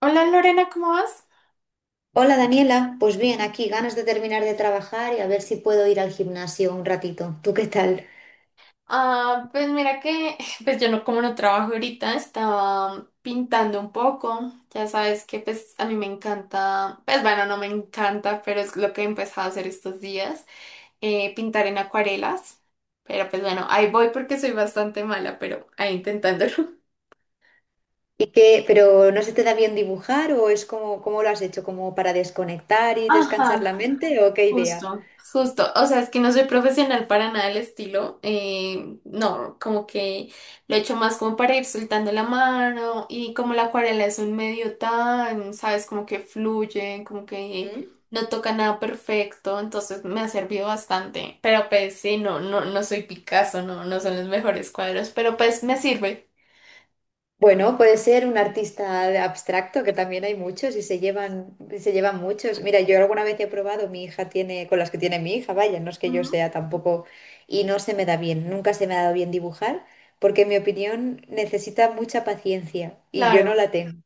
Hola Lorena, ¿cómo vas? Hola Daniela, pues bien, aquí ganas de terminar de trabajar y a ver si puedo ir al gimnasio un ratito. ¿Tú qué tal? Ah, pues mira que, pues yo no, como no trabajo ahorita, estaba pintando un poco. Ya sabes que pues a mí me encanta, pues bueno, no me encanta, pero es lo que he empezado a hacer estos días, pintar en acuarelas. Pero pues bueno, ahí voy porque soy bastante mala, pero ahí intentándolo. ¿Y qué? ¿Pero no se te da bien dibujar o es como, cómo lo has hecho? ¿Como para desconectar y descansar Ajá. la mente o qué idea? Justo, justo. O sea, es que no soy profesional para nada del estilo. No, como que lo he hecho más como para ir soltando la mano y como la acuarela es un medio tan, sabes, como que fluye, como que no toca nada perfecto, entonces me ha servido bastante. Pero pues sí, no, no, no soy Picasso, no, no son los mejores cuadros, pero pues me sirve. Bueno, puede ser un artista de abstracto, que también hay muchos y se llevan muchos. Mira, yo alguna vez he probado, mi hija tiene, con las que tiene mi hija, vaya, no es que yo Ujú. sea tampoco, y no se me da bien, nunca se me ha dado bien dibujar, porque en mi opinión necesita mucha paciencia y yo no Claro. la tengo,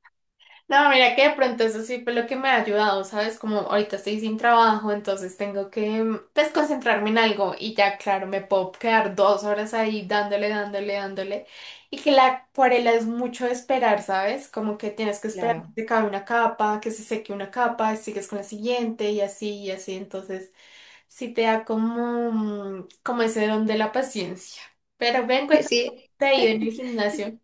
No, mira que de pronto eso sí fue lo que me ha ayudado, ¿sabes? Como ahorita estoy sin trabajo, entonces tengo que pues concentrarme en algo y ya, claro, me puedo quedar 2 horas ahí dándole, dándole, dándole. Y que la acuarela es mucho de esperar, ¿sabes? Como que tienes que esperar que claro. se acabe una capa, que se seque una capa, y sigues con la siguiente y así y así. Entonces sí te da como, como ese don de la paciencia. Pero ven, cuéntame, ¿cómo Sí. te ha ido en el gimnasio?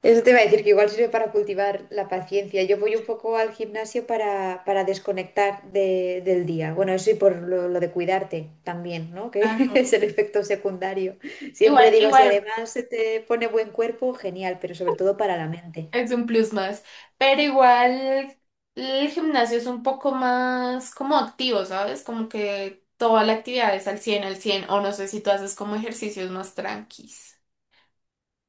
Eso te iba a decir que igual sirve para cultivar la paciencia. Yo voy un poco al gimnasio para desconectar del día. Bueno, eso y por lo de cuidarte también, ¿no? Que Ah, es el efecto secundario. Siempre igual, digo, si igual. además se te pone buen cuerpo, genial, pero sobre todo para la mente. Es un plus más, pero igual el gimnasio es un poco más como activo, ¿sabes? Como que toda la actividad es al 100 o no sé si tú haces como ejercicios más tranquis.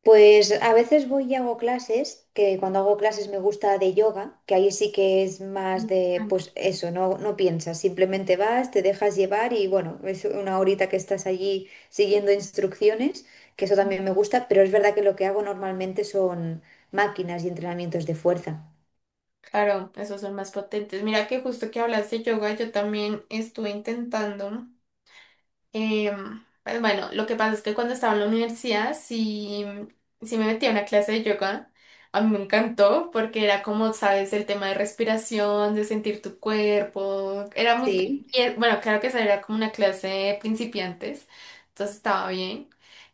Pues a veces voy y hago clases, que cuando hago clases me gusta de yoga, que ahí sí que es más No, de, tranqui. pues eso, no piensas, simplemente vas, te dejas llevar y bueno, es una horita que estás allí siguiendo instrucciones, que eso también me gusta, pero es verdad que lo que hago normalmente son máquinas y entrenamientos de fuerza. Claro, esos son más potentes. Mira que justo que hablaste de yoga, yo también estuve intentando. Pues bueno, lo que pasa es que cuando estaba en la universidad, sí, sí me metí a una clase de yoga. A mí me encantó porque era como, sabes, el tema de respiración, de sentir tu cuerpo. Era muy Sí. tranquilo. Bueno, claro que esa era como una clase de principiantes, entonces estaba bien.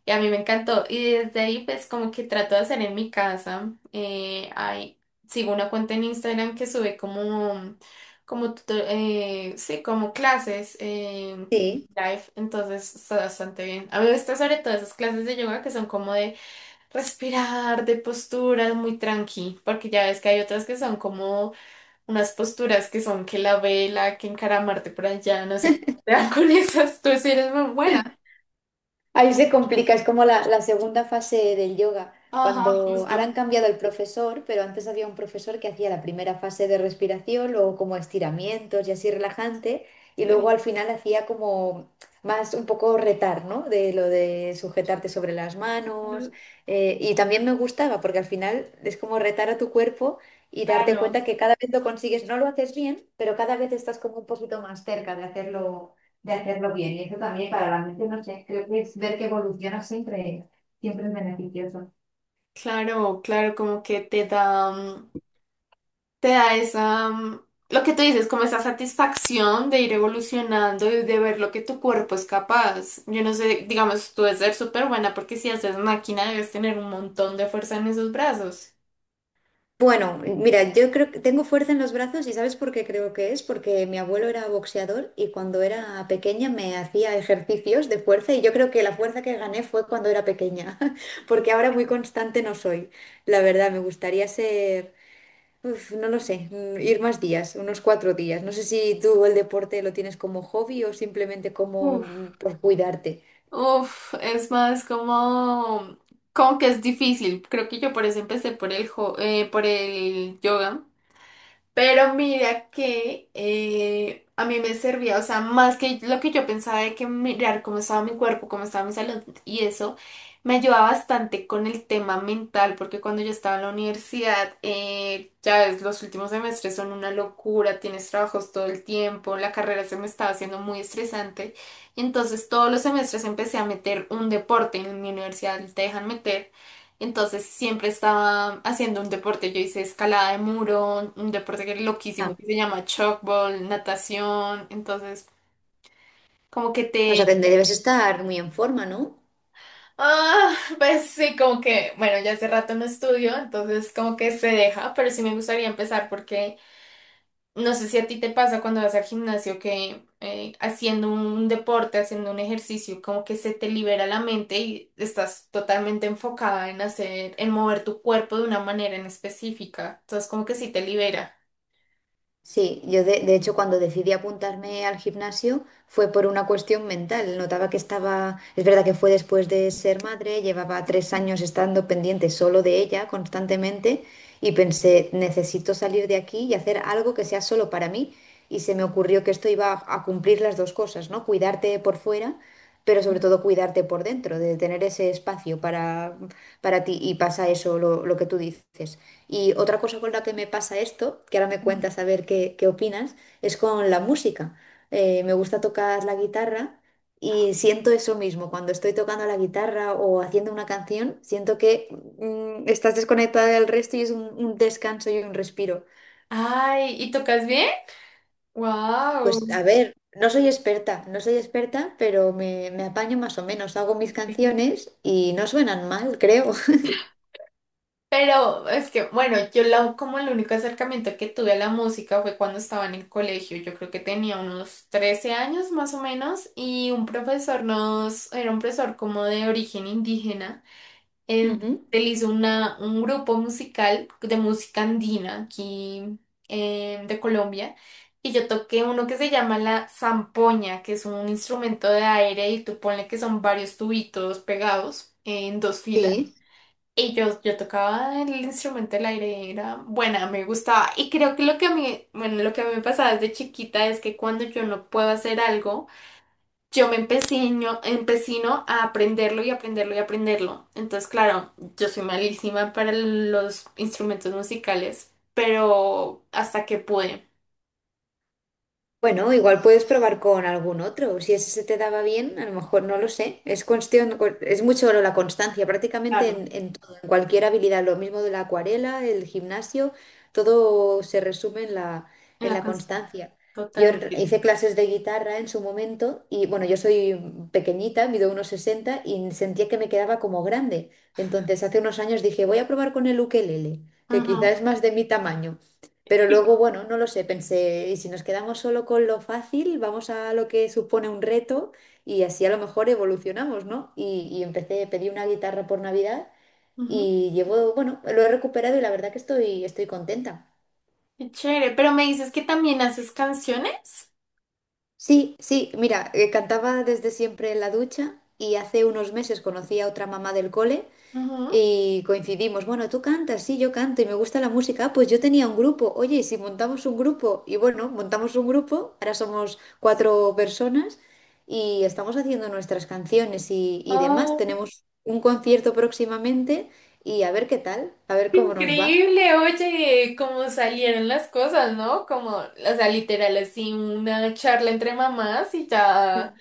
Y a mí me encantó. Y desde ahí, pues como que trato de hacer en mi casa. Sigo una cuenta en Instagram que sube como sí, como clases Sí. live, entonces está bastante bien. A mí me gusta sobre todo esas clases de yoga que son como de respirar, de posturas muy tranqui, porque ya ves que hay otras que son como unas posturas que son que la vela, que encaramarte por allá, no sé qué. Te dan con esas, tú sí eres muy buena. Ahí se complica, es como la segunda fase del yoga, Ajá, cuando ahora han justo. cambiado el profesor, pero antes había un profesor que hacía la primera fase de respiración, luego como estiramientos y así relajante, y luego al final hacía como más un poco retar, ¿no? De lo de sujetarte sobre las manos, y también me gustaba porque al final es como retar a tu cuerpo y darte Claro, cuenta que cada vez lo consigues, no lo haces bien, pero cada vez estás como un poquito más cerca de hacerlo bien. Y eso también para la mente, no sé, creo que es ver que evoluciona siempre, siempre es beneficioso. claro, claro, como que te da. Te da esa, lo que tú dices, como esa satisfacción de ir evolucionando y de ver lo que tu cuerpo es capaz. Yo no sé, digamos, tú debes ser súper buena porque si haces máquina debes tener un montón de fuerza en esos brazos. Bueno, mira, yo creo que tengo fuerza en los brazos y ¿sabes por qué creo que es? Porque mi abuelo era boxeador y cuando era pequeña me hacía ejercicios de fuerza y yo creo que la fuerza que gané fue cuando era pequeña, porque ahora muy constante no soy. La verdad, me gustaría ser, uf, no lo sé, ir más días, unos 4 días. No sé si tú el deporte lo tienes como hobby o simplemente como Uf. Por cuidarte. Uf, es más como, como que es difícil. Creo que yo por eso empecé por el, por el yoga. Pero mira que a mí me servía, o sea, más que lo que yo pensaba de que mirar cómo estaba mi cuerpo, cómo estaba mi salud y eso, me ayudaba bastante con el tema mental, porque cuando yo estaba en la universidad, ya ves, los últimos semestres son una locura, tienes trabajos todo el tiempo, la carrera se me estaba haciendo muy estresante, y entonces todos los semestres empecé a meter un deporte, en mi universidad te dejan meter. Entonces siempre estaba haciendo un deporte. Yo hice escalada de muro, un deporte que es loquísimo, que se llama chalkball, natación. Entonces, como que O sea te... que debes estar muy en forma, ¿no? Ah, pues sí, como que, bueno, ya hace rato no estudio, entonces como que se deja, pero sí me gustaría empezar porque... No sé si a ti te pasa cuando vas al gimnasio que haciendo un deporte, haciendo un ejercicio, como que se te libera la mente y estás totalmente enfocada en hacer, en mover tu cuerpo de una manera en específica. Entonces, como que sí te libera. Sí, yo de hecho cuando decidí apuntarme al gimnasio fue por una cuestión mental. Notaba que estaba, es verdad que fue después de ser madre, llevaba 3 años estando pendiente solo de ella constantemente y pensé, necesito salir de aquí y hacer algo que sea solo para mí. Y se me ocurrió que esto iba a cumplir las dos cosas, ¿no? Cuidarte por fuera, pero sobre todo cuidarte por dentro, de tener ese espacio para ti y pasa eso, lo que tú dices. Y otra cosa con la que me pasa esto, que ahora me cuentas a ver qué opinas, es con la música. Me gusta tocar la guitarra y siento eso mismo. Cuando estoy tocando la guitarra o haciendo una canción, siento que estás desconectada del resto y es un descanso y un respiro. Ay, ¿y tocas bien? Pues Wow. a ver, no soy experta, pero me apaño más o menos. Hago mis canciones y no suenan mal, creo. Pero es que, bueno, yo la, como el único acercamiento que tuve a la música fue cuando estaba en el colegio. Yo creo que tenía unos 13 años más o menos y un profesor nos, era un profesor como de origen indígena. Él, Ujú. él hizo una, un grupo musical de música andina aquí de Colombia y yo toqué uno que se llama la zampoña, que es un instrumento de aire y tú ponle que son varios tubitos pegados en dos filas. Sí. Y yo tocaba el instrumento del aire, era buena, me gustaba. Y creo que lo que a mí, bueno, lo que a mí me pasaba desde chiquita es que cuando yo no puedo hacer algo, yo me empecino a aprenderlo y aprenderlo y aprenderlo. Entonces, claro, yo soy malísima para los instrumentos musicales, pero hasta que pude. Bueno, igual puedes probar con algún otro. Si ese se te daba bien, a lo mejor no lo sé. Es cuestión, es mucho la constancia, prácticamente Claro, en todo, en cualquier habilidad. Lo mismo de la acuarela, el gimnasio, todo se resume en la, en en la la constancia. constancia. Yo Totalmente. hice clases de guitarra en su momento y bueno, yo soy pequeñita, mido unos 60 y sentía que me quedaba como grande. Entonces hace unos años dije, voy a probar con el ukelele, que quizá Ajá. es más de mi tamaño. Pero luego, bueno, no lo sé, pensé, y si nos quedamos solo con lo fácil, vamos a lo que supone un reto y así a lo mejor evolucionamos, ¿no? Y empecé, pedí una guitarra por Navidad Ujú. y llevo, bueno, lo he recuperado y la verdad que estoy contenta. Qué chévere. Pero me dices que también haces canciones. Sí, sí, mira, cantaba desde siempre en la ducha y hace unos meses conocí a otra mamá del cole. Y coincidimos, bueno, tú cantas, sí, yo canto y me gusta la música, ah, pues yo tenía un grupo, oye, ¿y si montamos un grupo? Y bueno, montamos un grupo, ahora somos cuatro personas y estamos haciendo nuestras canciones y demás, Ajá. tenemos un concierto próximamente y a ver qué tal, a ver cómo nos va. Increíble, oye, cómo salieron las cosas, ¿no? Como, o sea, literal, así una charla entre mamás y ya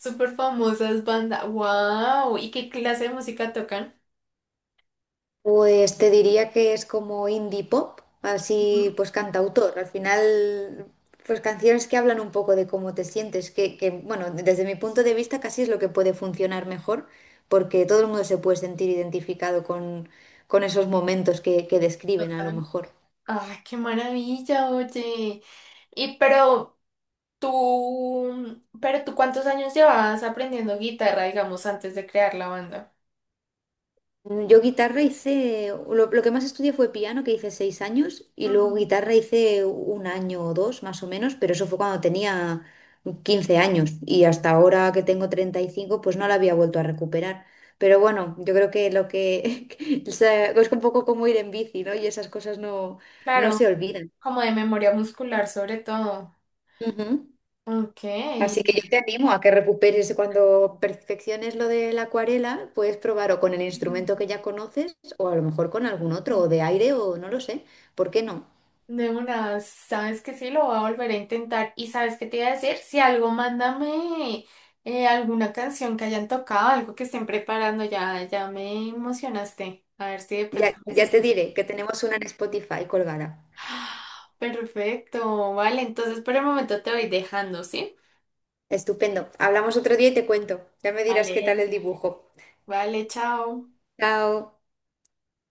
súper famosas bandas. ¡Wow! ¿Y qué clase de música tocan? Pues te diría que es como indie pop, así Ujú, pues cantautor. Al final, pues canciones que hablan un poco de cómo te sientes, que, bueno, desde mi punto de vista casi es lo que puede funcionar mejor, porque todo el mundo se puede sentir identificado con esos momentos que describen a lo total. mejor. ¡Ay, qué maravilla, oye! Y pero tú, ¿cuántos años llevabas aprendiendo guitarra, digamos, antes de crear la banda? Yo guitarra hice, lo que más estudié fue piano, que hice 6 años, y Ujú. luego guitarra hice un año o dos más o menos, pero eso fue cuando tenía 15 años y hasta ahora que tengo 35 pues no la había vuelto a recuperar. Pero bueno, yo creo que lo que o sea, es un poco como ir en bici, ¿no? Y esas cosas no, no Claro, se olvidan. como de memoria muscular sobre todo. Ujú. Ok. Así que yo te animo a que recuperes cuando perfecciones lo de la acuarela, puedes probar o con el Ujú. instrumento que ya conoces o a lo mejor con algún otro, o de aire o no lo sé, ¿por qué no? De una, sabes que sí, lo voy a volver a intentar. Y sabes qué te iba a decir, si algo, mándame alguna canción que hayan tocado, algo que estén preparando, ya, ya me emocionaste. A ver si de Ya, pronto los ya te escucho. diré que tenemos una en Spotify colgada. ¡Ah! Perfecto, vale, entonces por el momento te voy dejando, ¿sí? Estupendo. Hablamos otro día y te cuento. Ya me dirás qué tal Vale. el dibujo. Vale, chao. Chao.